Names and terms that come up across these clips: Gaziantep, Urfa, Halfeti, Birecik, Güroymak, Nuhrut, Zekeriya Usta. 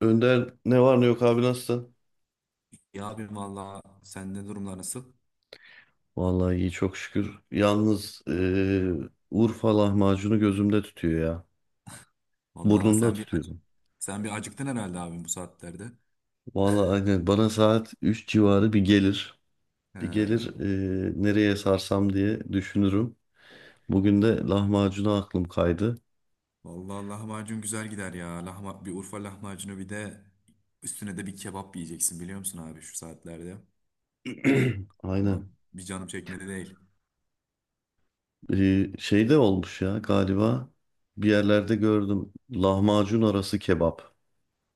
Önder ne var ne yok abi nasılsın? Ya abim valla sende durumlar nasıl? Vallahi iyi çok şükür. Yalnız Urfa lahmacunu gözümde tutuyor ya. Valla Burnumda sen bir acı, tutuyorum. sen bir acıktın herhalde abim bu saatlerde. Vallahi aynen bana saat 3 civarı bir gelir. Bir He, gelir nereye sarsam diye düşünürüm. Bugün de lahmacuna aklım kaydı. valla lahmacun güzel gider ya. Lahma, bir Urfa lahmacunu bir de üstüne de bir kebap yiyeceksin biliyor musun abi şu saatlerde? Ama Aynen. bir canım çekmedi değil. Şey de olmuş ya galiba bir yerlerde gördüm. Lahmacun arası kebap.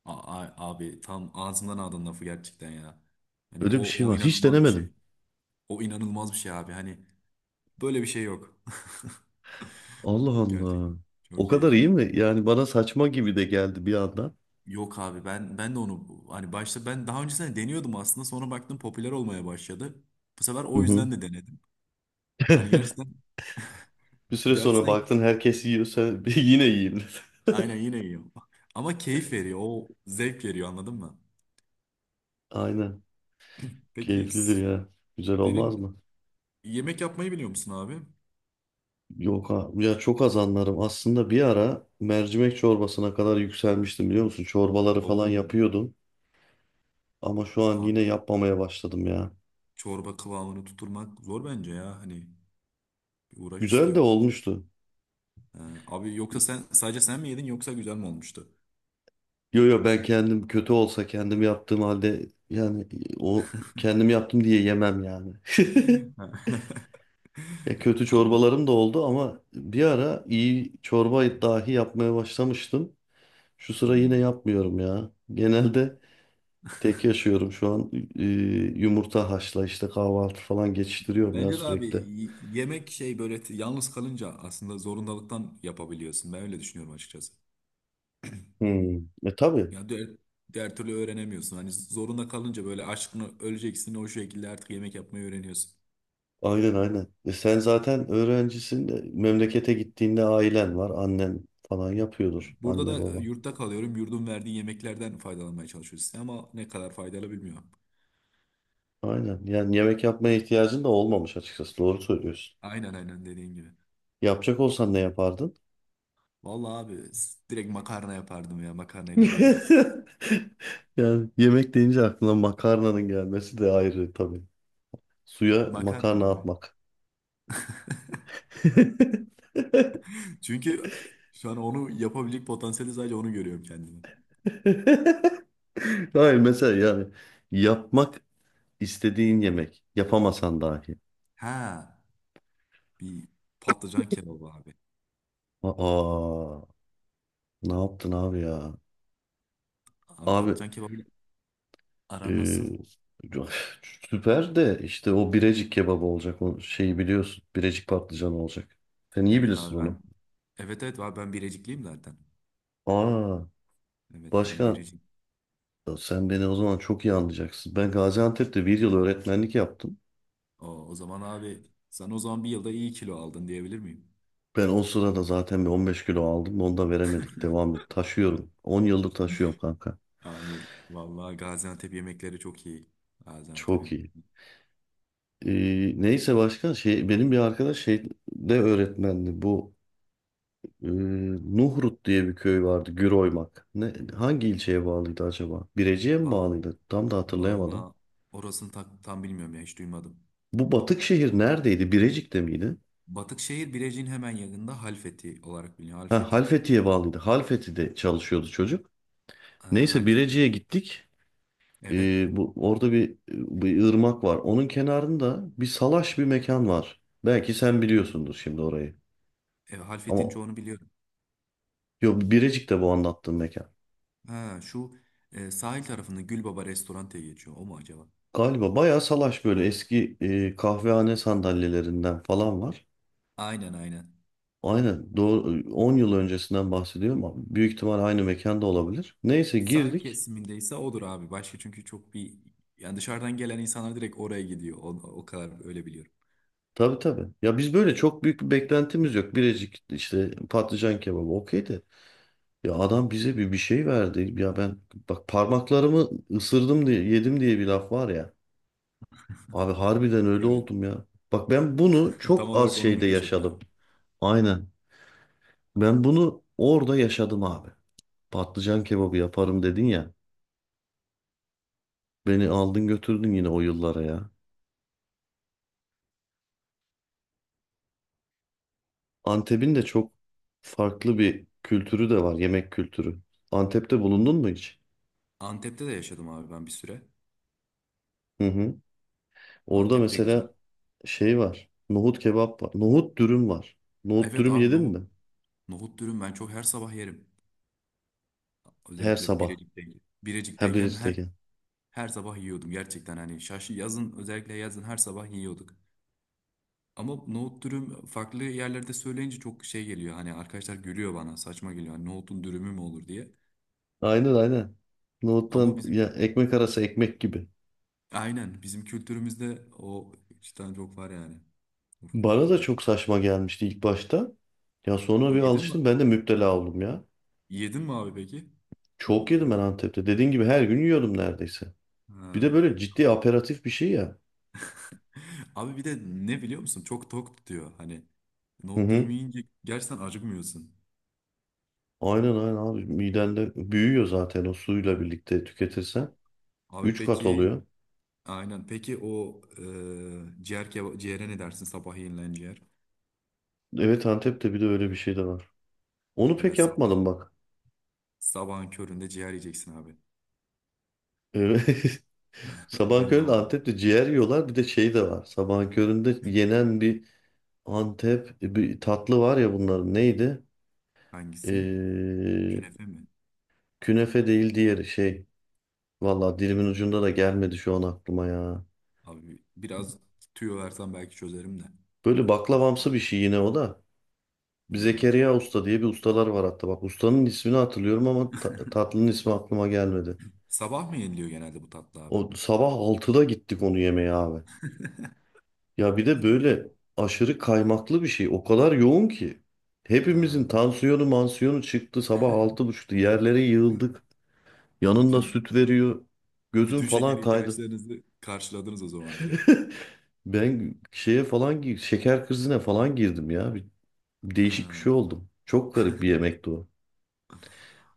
Abi tam ağzından aldın lafı gerçekten ya. Hani Öyle bir o şey o var. Hiç inanılmaz bir denemedim. şey. O inanılmaz bir şey abi. Hani böyle bir şey yok. Allah Gerçekten Allah. çok O kadar iyi keyifli. mi? Yani bana saçma gibi de geldi bir anda. Yok abi ben de onu hani başta ben daha öncesinde deniyordum aslında sonra baktım popüler olmaya başladı. Bu sefer Hı o hı. yüzden de denedim. Hani gerçekten Bir süre sonra gerçekten baktın herkes yiyor sen yine yiyeyim dedin. aynen yine iyi. Ama keyif veriyor. O zevk veriyor anladın mı? Aynen. Peki Keyiflidir s- ya. Güzel olmaz Senin mı? yemek yapmayı biliyor musun abi? Yok ha. Ya çok az anlarım. Aslında bir ara mercimek çorbasına kadar yükselmiştim biliyor musun? Çorbaları falan Oo yapıyordum. Ama şu an yine abi yapmamaya başladım ya. çorba kıvamını tutturmak zor bence ya. Hani bir uğraş Güzel de istiyor. olmuştu. Ee, Abi yoksa sen sadece sen mi yedin yoksa güzel mi olmuştu? Yo yo ben kendim kötü olsa kendim yaptığım halde yani o kendim yaptım diye yemem yani. Ha. Ya kötü Abi çorbalarım da oldu ama bir ara iyi çorba dahi yapmaya başlamıştım. Şu sıra yine hmm. yapmıyorum ya. Genelde tek yaşıyorum şu an. Yumurta haşla işte kahvaltı falan geçiştiriyorum ya Bence de abi sürekli. Yemek şey böyle yalnız kalınca aslında zorundalıktan yapabiliyorsun. Ben öyle düşünüyorum açıkçası. Hmm. E tabii. Ya diğer, diğer türlü öğrenemiyorsun. Hani zorunda kalınca böyle aşkını öleceksin o şekilde artık yemek yapmayı öğreniyorsun. Aynen aynen. E sen zaten öğrencisin de memlekete gittiğinde ailen var. Annen falan yapıyordur. Burada Anne da baba. yurtta kalıyorum. Yurdun verdiği yemeklerden faydalanmaya çalışıyoruz. Ama ne kadar faydalı bilmiyorum. Aynen. Yani yemek yapmaya ihtiyacın da olmamış açıkçası. Doğru söylüyorsun. Aynen aynen dediğin gibi. Yapacak olsan ne yapardın? Vallahi abi direkt makarna yapardım ya. Makarnayla doyarız. Yani yemek deyince aklına makarnanın gelmesi de ayrı tabii. Suya Makarna makarna abi. atmak. Çünkü şu an onu yapabilecek potansiyeli sadece onu görüyorum kendime. Hayır mesela yani yapmak istediğin yemek. Yapamasan dahi. Ha. Bir patlıcan kebabı abi. Aa, ne yaptın abi ya? Abi Abi, patlıcan kebabı aran nasıl? e, süper de işte o Birecik kebabı olacak. O şeyi biliyorsun. Birecik patlıcanı olacak. Sen iyi Evet bilirsin abi onu. ben. Evet evet abi ben Birecikliyim zaten. Aa, Evet ben başka. Birecik. Ya sen beni o zaman çok iyi anlayacaksın. Ben Gaziantep'te bir yıl öğretmenlik yaptım. O, o zaman abi sen o zaman bir yılda iyi kilo aldın diyebilir miyim? Ben o sırada zaten bir 15 kilo aldım. Onu da veremedik. Devam et. Taşıyorum. 10 yıldır taşıyorum kanka. Abi vallahi Gaziantep yemekleri çok iyi. Çok Gaziantep'in. iyi. Neyse başka şey benim bir arkadaş şey de öğretmendi. Bu e, Nuhrut diye bir köy vardı. Güroymak. Ne, hangi ilçeye bağlıydı acaba? Birecik'e mi Vallahi, bağlıydı? Tam da hatırlayamadım. vallahi orasını tam bilmiyorum ya hiç duymadım. Bu batık şehir neredeydi? Birecik'te miydi? Batıkşehir Birecik'in hemen yakında Halfeti olarak biliniyor. Ha, Halfeti. Halfeti'ye bağlıydı. Halfeti'de çalışıyordu çocuk. Ha, Neyse Halfeti. Birecik'e gittik. Evet. Bu orada bir ırmak var. Onun kenarında bir salaş bir mekan var. Belki sen Hı. biliyorsundur şimdi orayı. Evet, Halfeti'nin Ama çoğunu biliyorum. yok Birecik'te bu anlattığım mekan. Ha şu sahil tarafında Gülbaba Restorante geçiyor. O mu acaba? Galiba bayağı salaş böyle eski kahvehane sandalyelerinden falan var. Aynen aynen. Aynen doğru 10 yıl öncesinden bahsediyorum ama büyük ihtimal aynı mekanda olabilir. Neyse Sahil girdik. kesimindeyse odur abi. Başka çünkü çok bir yani dışarıdan gelen insanlar direkt oraya gidiyor. O, o kadar öyle biliyorum. Tabii tabii. Ya biz böyle çok büyük bir beklentimiz yok. Birecik işte patlıcan kebabı okey de. Ya adam bize bir şey verdi. Ya ben bak parmaklarımı ısırdım diye yedim diye bir laf var ya. Abi harbiden öyle Evet. oldum ya. Bak ben bunu Tam çok az olarak onu mu şeyde yaşadın abi? yaşadım. Aynen. Ben bunu orada yaşadım abi. Patlıcan kebabı yaparım dedin ya. Beni aldın götürdün yine o yıllara ya. Antep'in de çok farklı bir kültürü de var, yemek kültürü. Antep'te bulundun mu hiç? Antep'te de yaşadım abi ben bir süre. Hı hı. Orada Antep de güzel. mesela şey var. Nohut kebap var. Nohut dürüm var. Nohut Evet dürüm abi yedin nohut. mi? Nohut dürüm ben çok her sabah yerim. Her Özellikle sabah. Birecik'teyken. Her Birecik'teyken her biristeki. her sabah yiyordum gerçekten hani şaşı yazın özellikle yazın her sabah yiyorduk. Ama nohut dürüm farklı yerlerde söyleyince çok şey geliyor. Hani arkadaşlar gülüyor bana saçma geliyor. Hani nohutun dürümü mü olur diye. Aynen aynen. Ama Nohuttan ya bizim ekmek arası ekmek gibi. aynen bizim kültürümüzde o cidden çok var yani. Urfa Bana da kültüründe. çok saçma gelmişti ilk başta. Ya sonra bir Yedin mi? alıştım ben de müptela oldum ya. Yedin mi abi peki? Çok Nohut yedim ben dürüm. Antep'te. Dediğin gibi her gün yiyordum neredeyse. Bir de Ha. böyle ciddi aperatif bir şey ya. Abi bir de ne biliyor musun? Çok tok tutuyor. Hani Hı nohut dürüm hı. yiyince gerçekten acıkmıyorsun. Aynen aynen abi. Midende büyüyor zaten o suyla birlikte tüketirsen. Abi Üç kat peki oluyor. aynen. Peki o ciğer ciğere ne dersin? Sabah yenilen ciğer. Evet Antep'te bir de öyle bir şey de var. Onu Evet pek sabah. yapmadım bak. Sabahın köründe ciğer yiyeceksin abi. Evet. Sabahın Gün köründe doğumu. Antep'te ciğer yiyorlar. Bir de şey de var. Sabahın köründe yenen bir Antep bir tatlı var ya bunların neydi? Hangisi? Ee, Künefe mi? künefe değil diğeri şey. Valla dilimin ucunda da gelmedi şu an aklıma ya. Abi biraz tüyo versen belki çözerim de. Böyle Çok. baklavamsı bir şey yine o da. Bir Ya. Zekeriya Usta diye bir ustalar var hatta. Bak ustanın ismini hatırlıyorum ama tatlının ismi aklıma gelmedi. Sabah mı yeniliyor genelde bu tatlı abi? O sabah 6'da gittik onu yemeye abi. Ya bir de böyle aşırı kaymaklı bir şey. O kadar yoğun ki. Hepimizin Ha. tansiyonu mansiyonu çıktı. Sabah 6.30'da yerlere yığıldık. Yanında Bütün süt veriyor. Gözüm bütün şeker falan kaydı. ihtiyaçlarınızı karşıladınız o zaman direkt. Ben şeker krizine falan girdim ya. Ha, Değişik bir şey oldum. Çok garip bir yemekti o.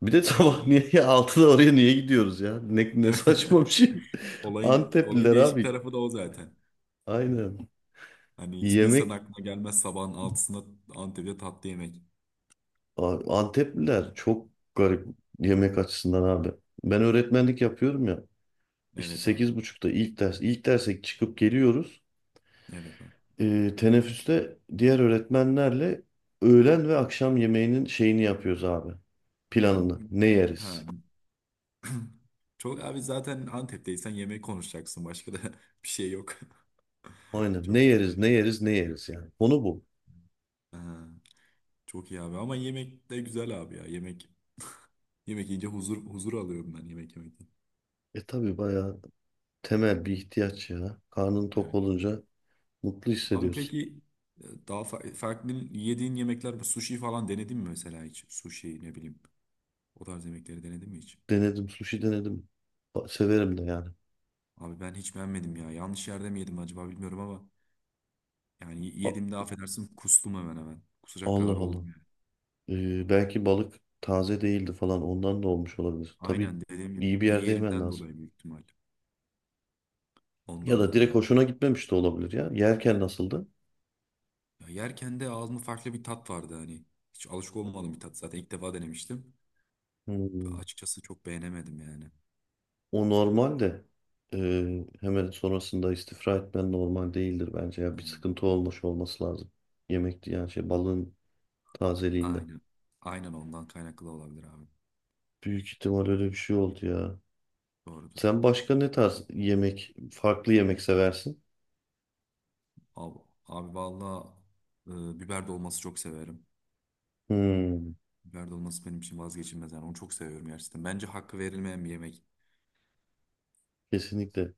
Bir de güzel sabah güzel. niye ya 6'da oraya niye gidiyoruz ya? Ne Evet. saçma bir şey. Olayın Antepliler değişik abi. tarafı da o zaten. Aynen. Hani hiçbir insan Yemek aklına gelmez sabahın altısında Antep'te tatlı yemek. Abi, Antepliler çok garip yemek açısından abi. Ben öğretmenlik yapıyorum ya. İşte Evet abi. 8.30'da ilk ders, ilk derse çıkıp geliyoruz. Evet abi. Teneffüste diğer öğretmenlerle öğlen ve akşam yemeğinin şeyini yapıyoruz abi. Hı, Planını. hı. Ne Ha. yeriz? Çok abi zaten Antep'teysen yemeği konuşacaksın. Başka da bir şey yok. Aynen. Çok Ne fazla yeriz, yok. ne yeriz, ne yeriz yani. Konu bu. Ha, çok iyi abi ama yemek de güzel abi ya. Yemek yemek yiyince huzur huzur alıyorum ben yemek yemekten. E tabii bayağı temel bir ihtiyaç ya. Karnın tok Evet. olunca mutlu Abi hissediyorsun. peki daha farklı yediğin yemekler bu sushi falan denedin mi mesela hiç? Sushi ne bileyim. O tarz yemekleri denedin mi hiç? Denedim, sushi denedim. Severim de yani. Abi ben hiç beğenmedim ya. Yanlış yerde mi yedim acaba bilmiyorum ama yani A- yediğimde affedersin kustum hemen hemen. Kusacak Allah kadar Allah. oldum. Belki balık taze değildi falan ondan da olmuş olabilir. Tabii Aynen dediğim gibi iyi bir yerde yemen yerinden lazım. dolayı büyük ihtimal. Ya Ondan da dolayı direkt mı? hoşuna gitmemiş de olabilir ya. Yerken nasıldı? Ya yerken de ağzımda farklı bir tat vardı hani. Hiç alışık olmadığım bir tat zaten ilk defa denemiştim. Hmm. Açıkçası çok beğenemedim yani. O normal de hemen sonrasında istifra etmen normal değildir bence. Ya bir Yani sıkıntı olmuş olması lazım. Yemekti yani şey balığın tazeliğinde. aynen. Aynen ondan kaynaklı olabilir abi. Büyük ihtimal öyle bir şey oldu ya. Doğrudur. Sen başka ne tarz yemek, farklı yemek seversin? Abi, abi valla biber dolması çok severim. Hmm, Biber dolması benim için vazgeçilmez yani. Onu çok seviyorum gerçekten. Bence hakkı verilmeyen bir yemek. kesinlikle.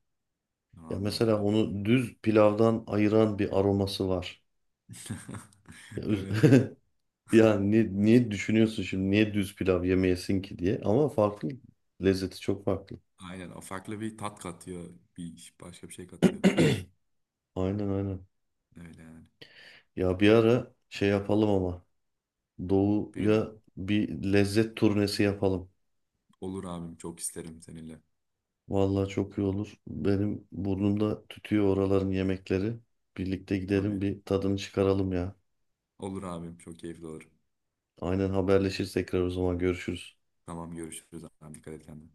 Ya Vallahi mesela öyle. onu düz pilavdan ayıran bir aroması var. Ya, öz- Evet. ya niye düşünüyorsun şimdi niye düz pilav yemeyesin ki diye ama farklı lezzeti çok farklı. Aynen. O farklı bir tat katıyor. Bir başka bir şey katıyor. Aynen aynen. Öyle yani. Ya bir ara şey yapalım ama Bir gün. doğuya bir lezzet turnesi yapalım. Olur abim çok isterim seninle. Vallahi çok iyi olur. Benim burnumda tütüyor oraların yemekleri. Birlikte gidelim Tabii. bir tadını çıkaralım ya. Olur abim çok keyifli olur. Aynen haberleşiriz tekrar o zaman görüşürüz. Tamam görüşürüz abim dikkat et kendine.